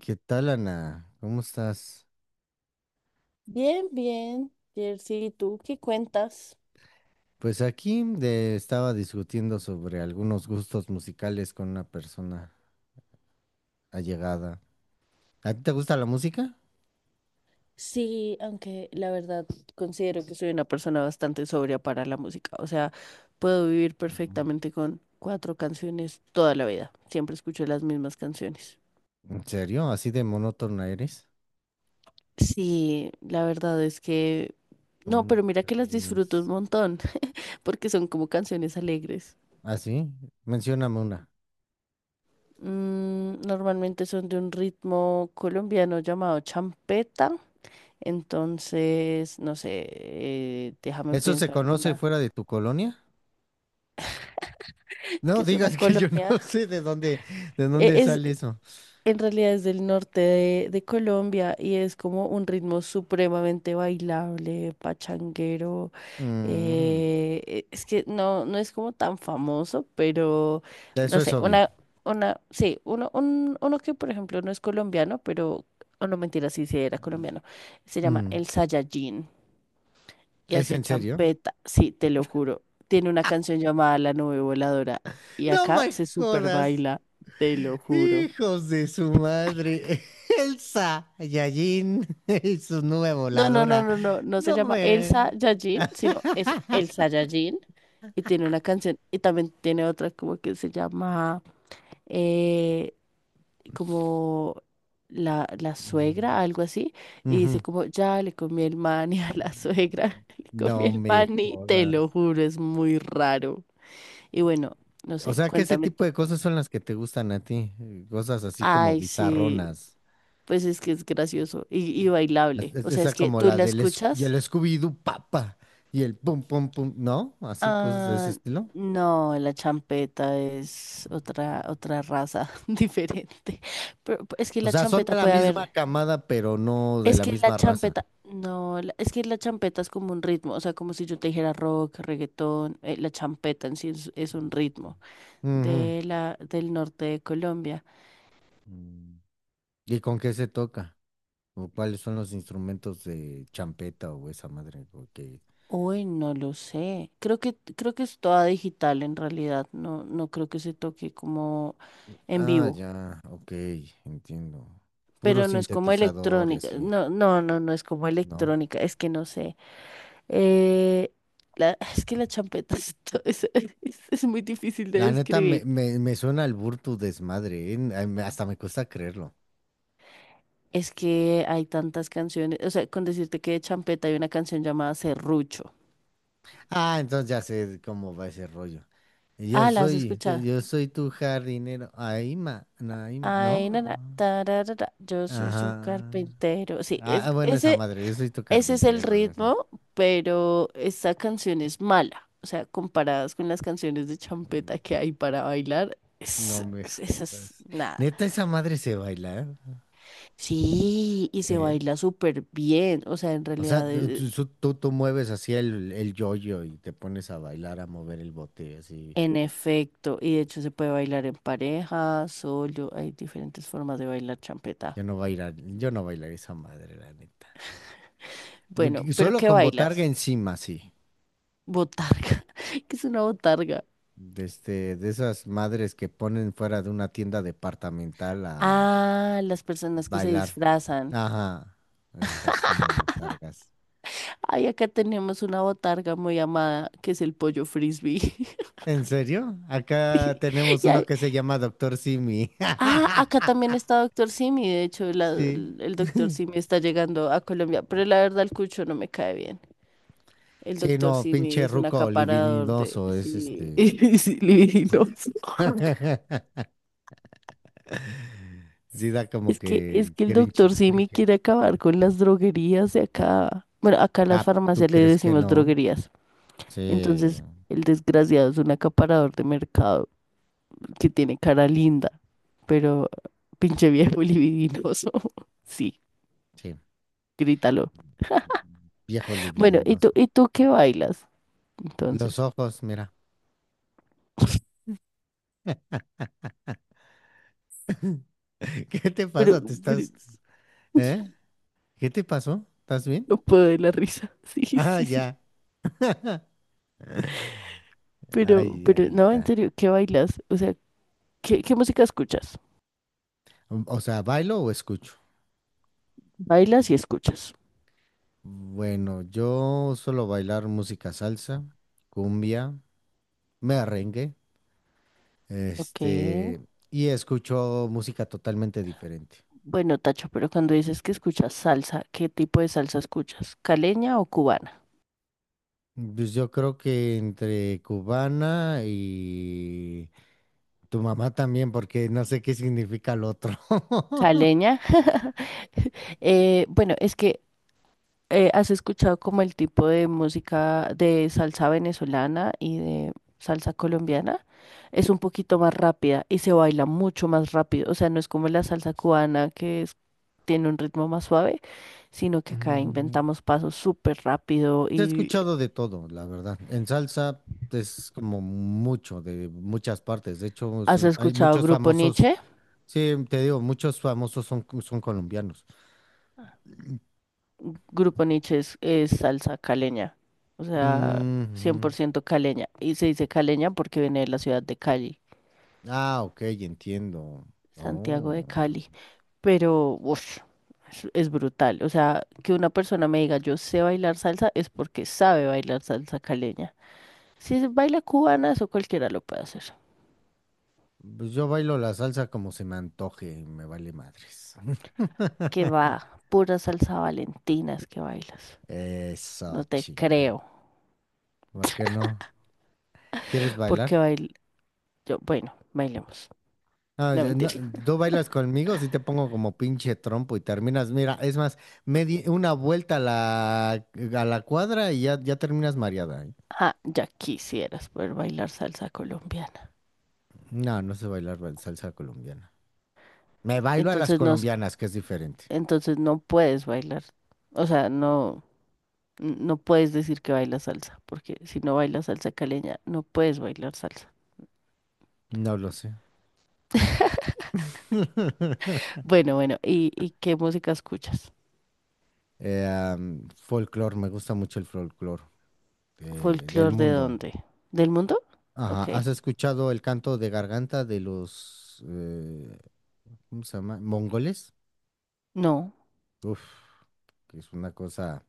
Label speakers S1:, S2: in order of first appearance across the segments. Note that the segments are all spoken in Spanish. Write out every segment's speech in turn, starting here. S1: ¿Qué tal, Ana? ¿Cómo estás?
S2: Bien, bien, Jersey, ¿y tú qué cuentas?
S1: Pues aquí estaba discutiendo sobre algunos gustos musicales con una persona allegada. ¿A ti te gusta la música?
S2: Sí, aunque la verdad considero que soy una persona bastante sobria para la música. O sea, puedo vivir perfectamente con cuatro canciones toda la vida. Siempre escucho las mismas canciones.
S1: ¿En serio? ¿Así de monótona eres?
S2: Sí, la verdad es que... No,
S1: ¿Cómo
S2: pero mira que las disfruto un
S1: crees?
S2: montón, porque son como canciones alegres.
S1: ¿Ah, sí? Mencióname una.
S2: Mm, normalmente son de un ritmo colombiano llamado champeta. Entonces, no sé, déjame
S1: ¿Eso se
S2: pienso
S1: conoce
S2: alguna,
S1: fuera de tu colonia? No
S2: que es una
S1: digas que yo
S2: colonia.
S1: no sé de
S2: E-
S1: dónde
S2: Es,
S1: sale eso.
S2: en realidad es del norte de Colombia y es como un ritmo supremamente bailable, pachanguero.
S1: Mm,
S2: Es que no, no es como tan famoso, pero
S1: eso
S2: no
S1: es
S2: sé,
S1: obvio.
S2: una, sí, uno, un- uno que por ejemplo no es colombiano, pero, o no mentira, sí era colombiano. Se llama
S1: Mm,
S2: el Saiyajin. Y
S1: ¿es
S2: hacía
S1: en serio?
S2: champeta, sí, te lo juro. Tiene una canción llamada La Nube Voladora y
S1: No
S2: acá
S1: me
S2: se super
S1: jodas.
S2: baila, te lo juro.
S1: Hijos de su madre. Elsa Saiyajin y su nube voladora.
S2: No se
S1: No
S2: llama Elsa
S1: me...
S2: Yajin, sino es Elsa Yajin y tiene una canción y también tiene otra como que se llama eh, como la suegra, algo así, y dice
S1: Ujú.
S2: como ya le comí el mani a la suegra, le comí
S1: No
S2: el
S1: me
S2: mani, te lo
S1: jodas.
S2: juro, es muy raro. Y bueno, no
S1: O
S2: sé,
S1: sea, que ese
S2: cuéntame
S1: tipo
S2: tú.
S1: de cosas son las que te gustan a ti. Cosas así como
S2: Ay, sí,
S1: bizarronas.
S2: pues es que es gracioso y bailable. O sea, es
S1: Esa
S2: que
S1: como
S2: tú
S1: la
S2: la
S1: del el
S2: escuchas.
S1: Scooby-Doo Papa y el pum pum pum, ¿no? Así, cosas de ese
S2: Ah,
S1: estilo.
S2: no, la champeta es otra, otra raza diferente. Pero es que
S1: O
S2: la
S1: sea, son de
S2: champeta
S1: la
S2: puede
S1: misma
S2: haber.
S1: camada, pero no de
S2: Es
S1: la
S2: que la
S1: misma raza.
S2: champeta. No, la- Es que la champeta es como un ritmo. O sea, como si yo te dijera rock, reggaetón. La champeta en sí es un ritmo
S1: Ujú.
S2: del norte de Colombia.
S1: Mm. ¿Y con qué se toca? ¿O cuáles son los instrumentos de champeta o esa madre? Porque...
S2: Uy, no lo sé. Creo que es toda digital en realidad. No creo que se toque como en
S1: Ah,
S2: vivo.
S1: ya, ok, entiendo. Puro
S2: Pero no es como
S1: sintetizador y
S2: electrónica.
S1: así,
S2: No es como
S1: ¿no?
S2: electrónica. Es que no sé. Eh, es que la champeta es, es muy difícil de
S1: La neta me,
S2: describir.
S1: me, me suena el burro tu desmadre, ¿eh? Ay, hasta me cuesta creerlo.
S2: Es que hay tantas canciones. O sea, con decirte que de champeta hay una canción llamada Serrucho.
S1: Ah, entonces ya sé cómo va ese rollo.
S2: Ah, ¿la has escuchado?
S1: Yo soy tu jardinero. Aima, Naima,
S2: Ay,
S1: ¿no?
S2: na, tararara, yo soy
S1: Ajá.
S2: su carpintero. Sí,
S1: Ah,
S2: es
S1: ah, bueno, esa
S2: ese.
S1: madre, yo soy tu
S2: Ese es el
S1: carpintero o algo así.
S2: ritmo, pero esta canción es mala. O sea, comparadas con las canciones de
S1: Mm,
S2: champeta que hay para bailar,
S1: no me
S2: esa es
S1: jodas.
S2: nada.
S1: Neta, esa madre se baila, ¿eh?
S2: Sí, y se
S1: Sí.
S2: baila súper bien. O sea, en
S1: O sea,
S2: realidad,
S1: tú, tú- tú- tú mueves así el yoyo y te pones a bailar, a mover el bote, así.
S2: en efecto, y de hecho se puede bailar en pareja, solo, hay diferentes formas de bailar champeta.
S1: Yo no bailaré esa madre, la neta.
S2: Bueno,
S1: Porque
S2: pero
S1: solo
S2: ¿qué
S1: con botarga
S2: bailas?
S1: encima, sí.
S2: Botarga. ¿Qué es una botarga?
S1: De, este, de esas madres que ponen fuera de una tienda departamental a
S2: Ah, las personas que se
S1: bailar.
S2: disfrazan.
S1: Ajá. Esas son las botargas.
S2: Ay, acá tenemos una botarga muy amada, que es el pollo frisbee.
S1: ¿En serio?
S2: Sí.
S1: Acá tenemos
S2: Y
S1: uno
S2: ahí-
S1: que se llama Doctor Simi.
S2: Ah, acá también está Doctor Simi. De hecho,
S1: Sí.
S2: Doctor Simi está llegando a Colombia, pero la verdad el cucho no me cae bien. El
S1: Sí,
S2: Doctor
S1: no,
S2: Simi
S1: pinche
S2: es un
S1: ruco
S2: acaparador de
S1: olivinidoso es
S2: sí,
S1: este.
S2: sí, libidinos.
S1: Sí da como
S2: Es
S1: que
S2: que el
S1: cringe,
S2: Doctor Simi
S1: cringe.
S2: quiere acabar con las droguerías de acá. Bueno, acá en las
S1: Ah, ¿tú
S2: farmacias le
S1: crees que
S2: decimos
S1: no?
S2: droguerías.
S1: Sí,
S2: Entonces, el desgraciado es un acaparador de mercado. Que tiene cara linda, pero pinche viejo libidinoso. Sí,
S1: sí.
S2: grítalo.
S1: Viejo
S2: Bueno,
S1: libidinoso.
S2: y tú qué bailas?
S1: Los
S2: Entonces,
S1: ojos, mira. ¿Qué te
S2: pero,
S1: pasa? ¿Te
S2: pero
S1: estás... ¿Eh? ¿Qué te pasó? ¿Estás bien?
S2: no puedo de la risa. Sí,
S1: Ah,
S2: sí, sí.
S1: ya. Ay,
S2: No,
S1: Anita.
S2: en serio, ¿qué bailas? O sea, qué música escuchas?
S1: O sea, ¿bailo o escucho?
S2: Bailas y escuchas.
S1: Bueno, yo suelo bailar música salsa, cumbia, merengue,
S2: Ok.
S1: este, y escucho música totalmente diferente.
S2: Bueno, Tacho, pero cuando dices que escuchas salsa, ¿qué tipo de salsa escuchas? ¿Caleña o cubana?
S1: Pues yo creo que entre cubana y tu mamá también, porque no sé qué significa el otro.
S2: Caleña. Bueno, es que ¿has escuchado como el tipo de música de salsa venezolana y de salsa colombiana? Es un poquito más rápida y se baila mucho más rápido. O sea, no es como la salsa cubana que es- tiene un ritmo más suave, sino que acá
S1: Mm,
S2: inventamos pasos súper rápido.
S1: he
S2: ¿Y
S1: escuchado de todo, la verdad. En salsa es como mucho, de muchas partes. De hecho,
S2: has
S1: hay
S2: escuchado
S1: muchos
S2: Grupo
S1: famosos.
S2: Nietzsche?
S1: Sí, te digo, muchos famosos son, son colombianos.
S2: Grupo Nietzsche es salsa caleña, o sea,
S1: Mm, ujú.
S2: 100% caleña. Y se dice caleña porque viene de la ciudad de Cali,
S1: Ah, ok, entiendo.
S2: Santiago de
S1: Oh.
S2: Cali. Pero ush, es brutal. O sea, que una persona me diga yo sé bailar salsa es porque sabe bailar salsa caleña. Si es baila cubana, eso cualquiera lo puede hacer.
S1: Pues yo bailo la salsa como se me antoje, me vale madres.
S2: Que va, pura salsa valentinas que bailas.
S1: Eso,
S2: No te
S1: chinga.
S2: creo,
S1: ¿Por qué no? ¿Quieres
S2: porque
S1: bailar?
S2: bail... yo, bueno, bailemos.
S1: Ah,
S2: No
S1: ya, no,
S2: mentira.
S1: ¿tú bailas conmigo? Si te pongo como pinche trompo y terminas. Mira, es más, me di una vuelta a la cuadra y ya, ya terminas mareada, ¿eh?
S2: Ah, ya quisieras poder bailar salsa colombiana.
S1: No, no sé bailar salsa colombiana. Me bailo a las
S2: Entonces no,
S1: colombianas, que es diferente.
S2: entonces no puedes bailar. O sea, no. No puedes decir que bailas salsa, porque si no bailas salsa caleña, no puedes bailar salsa.
S1: No lo sé.
S2: Bueno, bueno, y qué música escuchas?
S1: Folclor, me gusta mucho el folclor del
S2: ¿Folclor de
S1: mundo.
S2: dónde? ¿Del mundo?
S1: Ajá,
S2: Ok,
S1: ¿has escuchado el canto de garganta de los, ¿cómo se llama? Mongoles.
S2: no.
S1: Uf, que es una cosa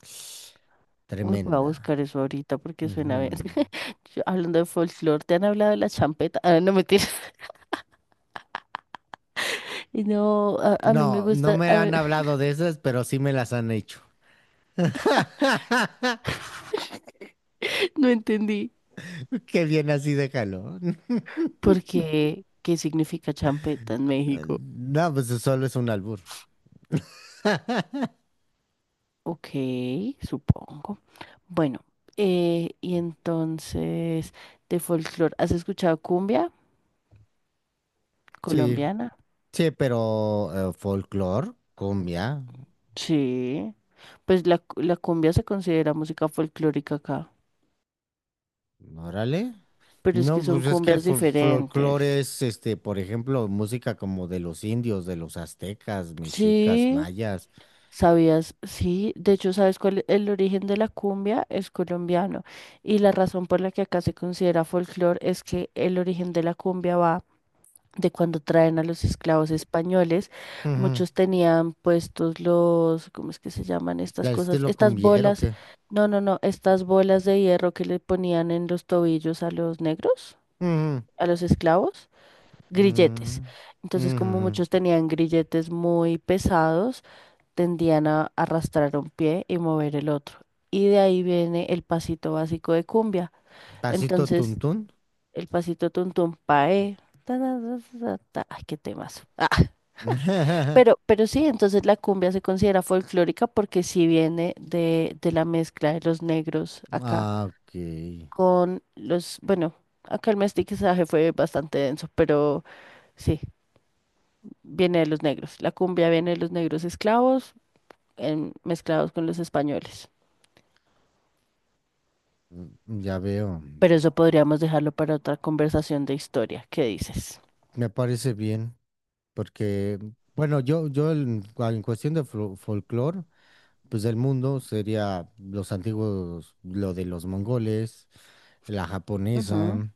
S2: Uy, voy a
S1: tremenda.
S2: buscar eso ahorita porque suena bien.
S1: Ujú.
S2: Yo, hablando de folclor, ¿te han hablado de la champeta? Ah, no, mentiras. Y no, a mí me
S1: No, no
S2: gusta,
S1: me
S2: a ver,
S1: han hablado de esas, pero sí me las han hecho.
S2: no entendí.
S1: Qué bien así, déjalo.
S2: ¿Por qué? ¿Qué significa champeta en México?
S1: No, pues solo es un albur.
S2: Ok, supongo. Bueno, y entonces, de folclore, ¿has escuchado cumbia
S1: Sí,
S2: colombiana?
S1: sí, pero folklore, cumbia.
S2: Sí. Pues la cumbia se considera música folclórica acá,
S1: Órale.
S2: pero es que
S1: No,
S2: son
S1: pues es que el
S2: cumbias
S1: fol-
S2: diferentes.
S1: folclore es, este, por ejemplo, música como de los indios, de los aztecas, mexicas,
S2: Sí,
S1: mayas,
S2: sabías, sí, de hecho, ¿sabes cuál es el origen de la cumbia? Es colombiano. Y la razón por la que acá se considera folclore es que el origen de la cumbia va de cuando traen a los esclavos españoles,
S1: ujú.
S2: muchos tenían puestos los, ¿cómo es que se llaman estas
S1: ¿Del
S2: cosas?
S1: estilo
S2: Estas
S1: cumbiero, o
S2: bolas,
S1: qué?
S2: no, no, no, estas bolas de hierro que le ponían en los tobillos a los negros,
S1: Ujú,
S2: a los esclavos, grilletes.
S1: ujú,
S2: Entonces, como
S1: ujú.
S2: muchos tenían grilletes muy pesados, tendían a arrastrar un pie y mover el otro. Y de ahí viene el pasito básico de cumbia.
S1: Pasito
S2: Entonces,
S1: tuntún.
S2: el pasito tuntum pae. Ta, ta, ta, ta, ta. Ay, qué temas. Ah, Pero sí, entonces la cumbia se considera folclórica porque sí viene de la mezcla de los negros acá
S1: Ah, ok.
S2: con los, bueno, acá el mestizaje fue bastante denso, pero sí, viene de los negros. La cumbia viene de los negros esclavos mezclados con los españoles.
S1: Mm, ya veo.
S2: Pero eso podríamos dejarlo para otra conversación de historia. ¿Qué dices?
S1: Me parece bien, porque, bueno, en cuestión de folclore, pues del mundo sería los antiguos, lo de los mongoles, la
S2: Ujú.
S1: japonesa,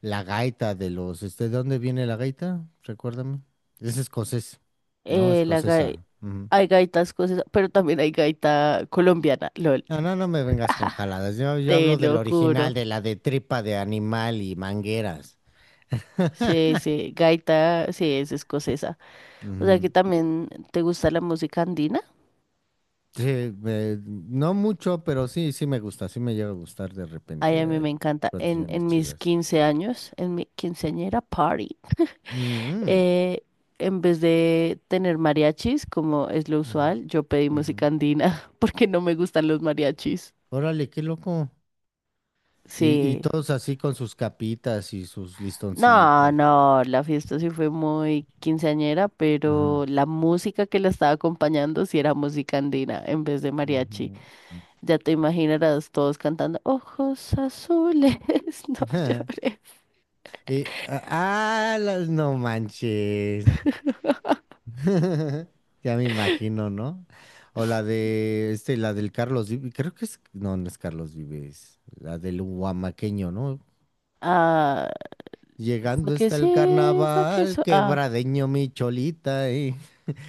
S1: la gaita de los, este, ¿de dónde viene la gaita? Recuérdame. Es escocés, ¿no?
S2: Eh, la gai-
S1: Escocesa. Ujú.
S2: Hay gaitas cosas, pero también hay gaita colombiana, lol,
S1: No, no, no me vengas con jaladas. Yo
S2: te
S1: hablo del
S2: lo juro.
S1: original, de la de tripa de animal y mangueras.
S2: Sí, sí, gaita, sí, es escocesa. O sea que
S1: Ujú.
S2: también te gusta la música andina.
S1: Sí, no mucho, pero sí, sí me gusta, sí me llega a gustar de
S2: Ay,
S1: repente.
S2: a mí
S1: Hay
S2: me encanta.
S1: canciones
S2: En mis
S1: chidas.
S2: 15 años, en mi quinceañera party,
S1: Mm,
S2: eh, en vez de tener mariachis, como es lo
S1: mm. Ujú,
S2: usual, yo pedí
S1: ujú.
S2: música andina porque no me gustan los mariachis.
S1: Órale, qué loco. Y
S2: Sí.
S1: todos así con sus capitas y sus
S2: No,
S1: listoncitos.
S2: no, la fiesta sí fue muy quinceañera,
S1: Ajá.
S2: pero la música que la estaba acompañando sí era música andina en vez de mariachi.
S1: Ujú.
S2: Ya te imaginarás todos cantando ojos azules, no llores.
S1: No manches. Ya me imagino, ¿no? O la de este, la del Carlos Vives, creo que es, no, no es Carlos Vives, la del huamaqueño, ¿no?
S2: Ah, fue
S1: Llegando
S2: que
S1: está el
S2: sí, fue que
S1: carnaval,
S2: eso. Ah,
S1: quebradeño mi cholita.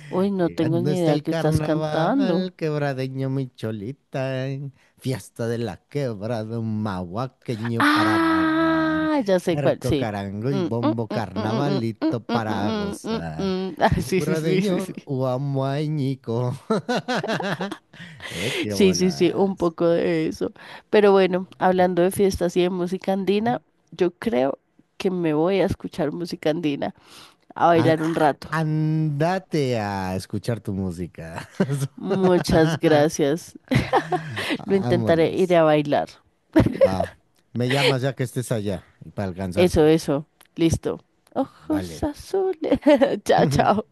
S2: uy, no tengo
S1: Llegando
S2: ni
S1: está
S2: idea
S1: el
S2: que estás cantando.
S1: carnaval, quebradeño mi cholita, fiesta de la quebrada, un mahuaqueño para bailar.
S2: Ah, ya sé cuál,
S1: Arco,
S2: sí.
S1: carango y
S2: Mm, mm,
S1: bombo,
S2: mm, mm, mm, mm,
S1: carnavalito
S2: mm, mm,
S1: para
S2: mm, mm, mm. Mm,
S1: gozar.
S2: mm. Ah, sí, sí, sí, sí,
S1: Quebradeño,
S2: sí.
S1: huamuañico. Qué
S2: Sí, sí, sí, un
S1: bolas.
S2: poco de eso. Pero bueno, hablando de fiestas y de música
S1: Ujú.
S2: andina, yo creo que me voy a escuchar música andina, a bailar un rato.
S1: Andate a escuchar tu música.
S2: Muchas gracias. Lo intentaré, iré
S1: Vámonos.
S2: a bailar.
S1: Va. Me llamas ya que estés allá y para
S2: Eso,
S1: alcanzarte.
S2: eso. Listo. Ojos
S1: Vale.
S2: azules. Chao, chao.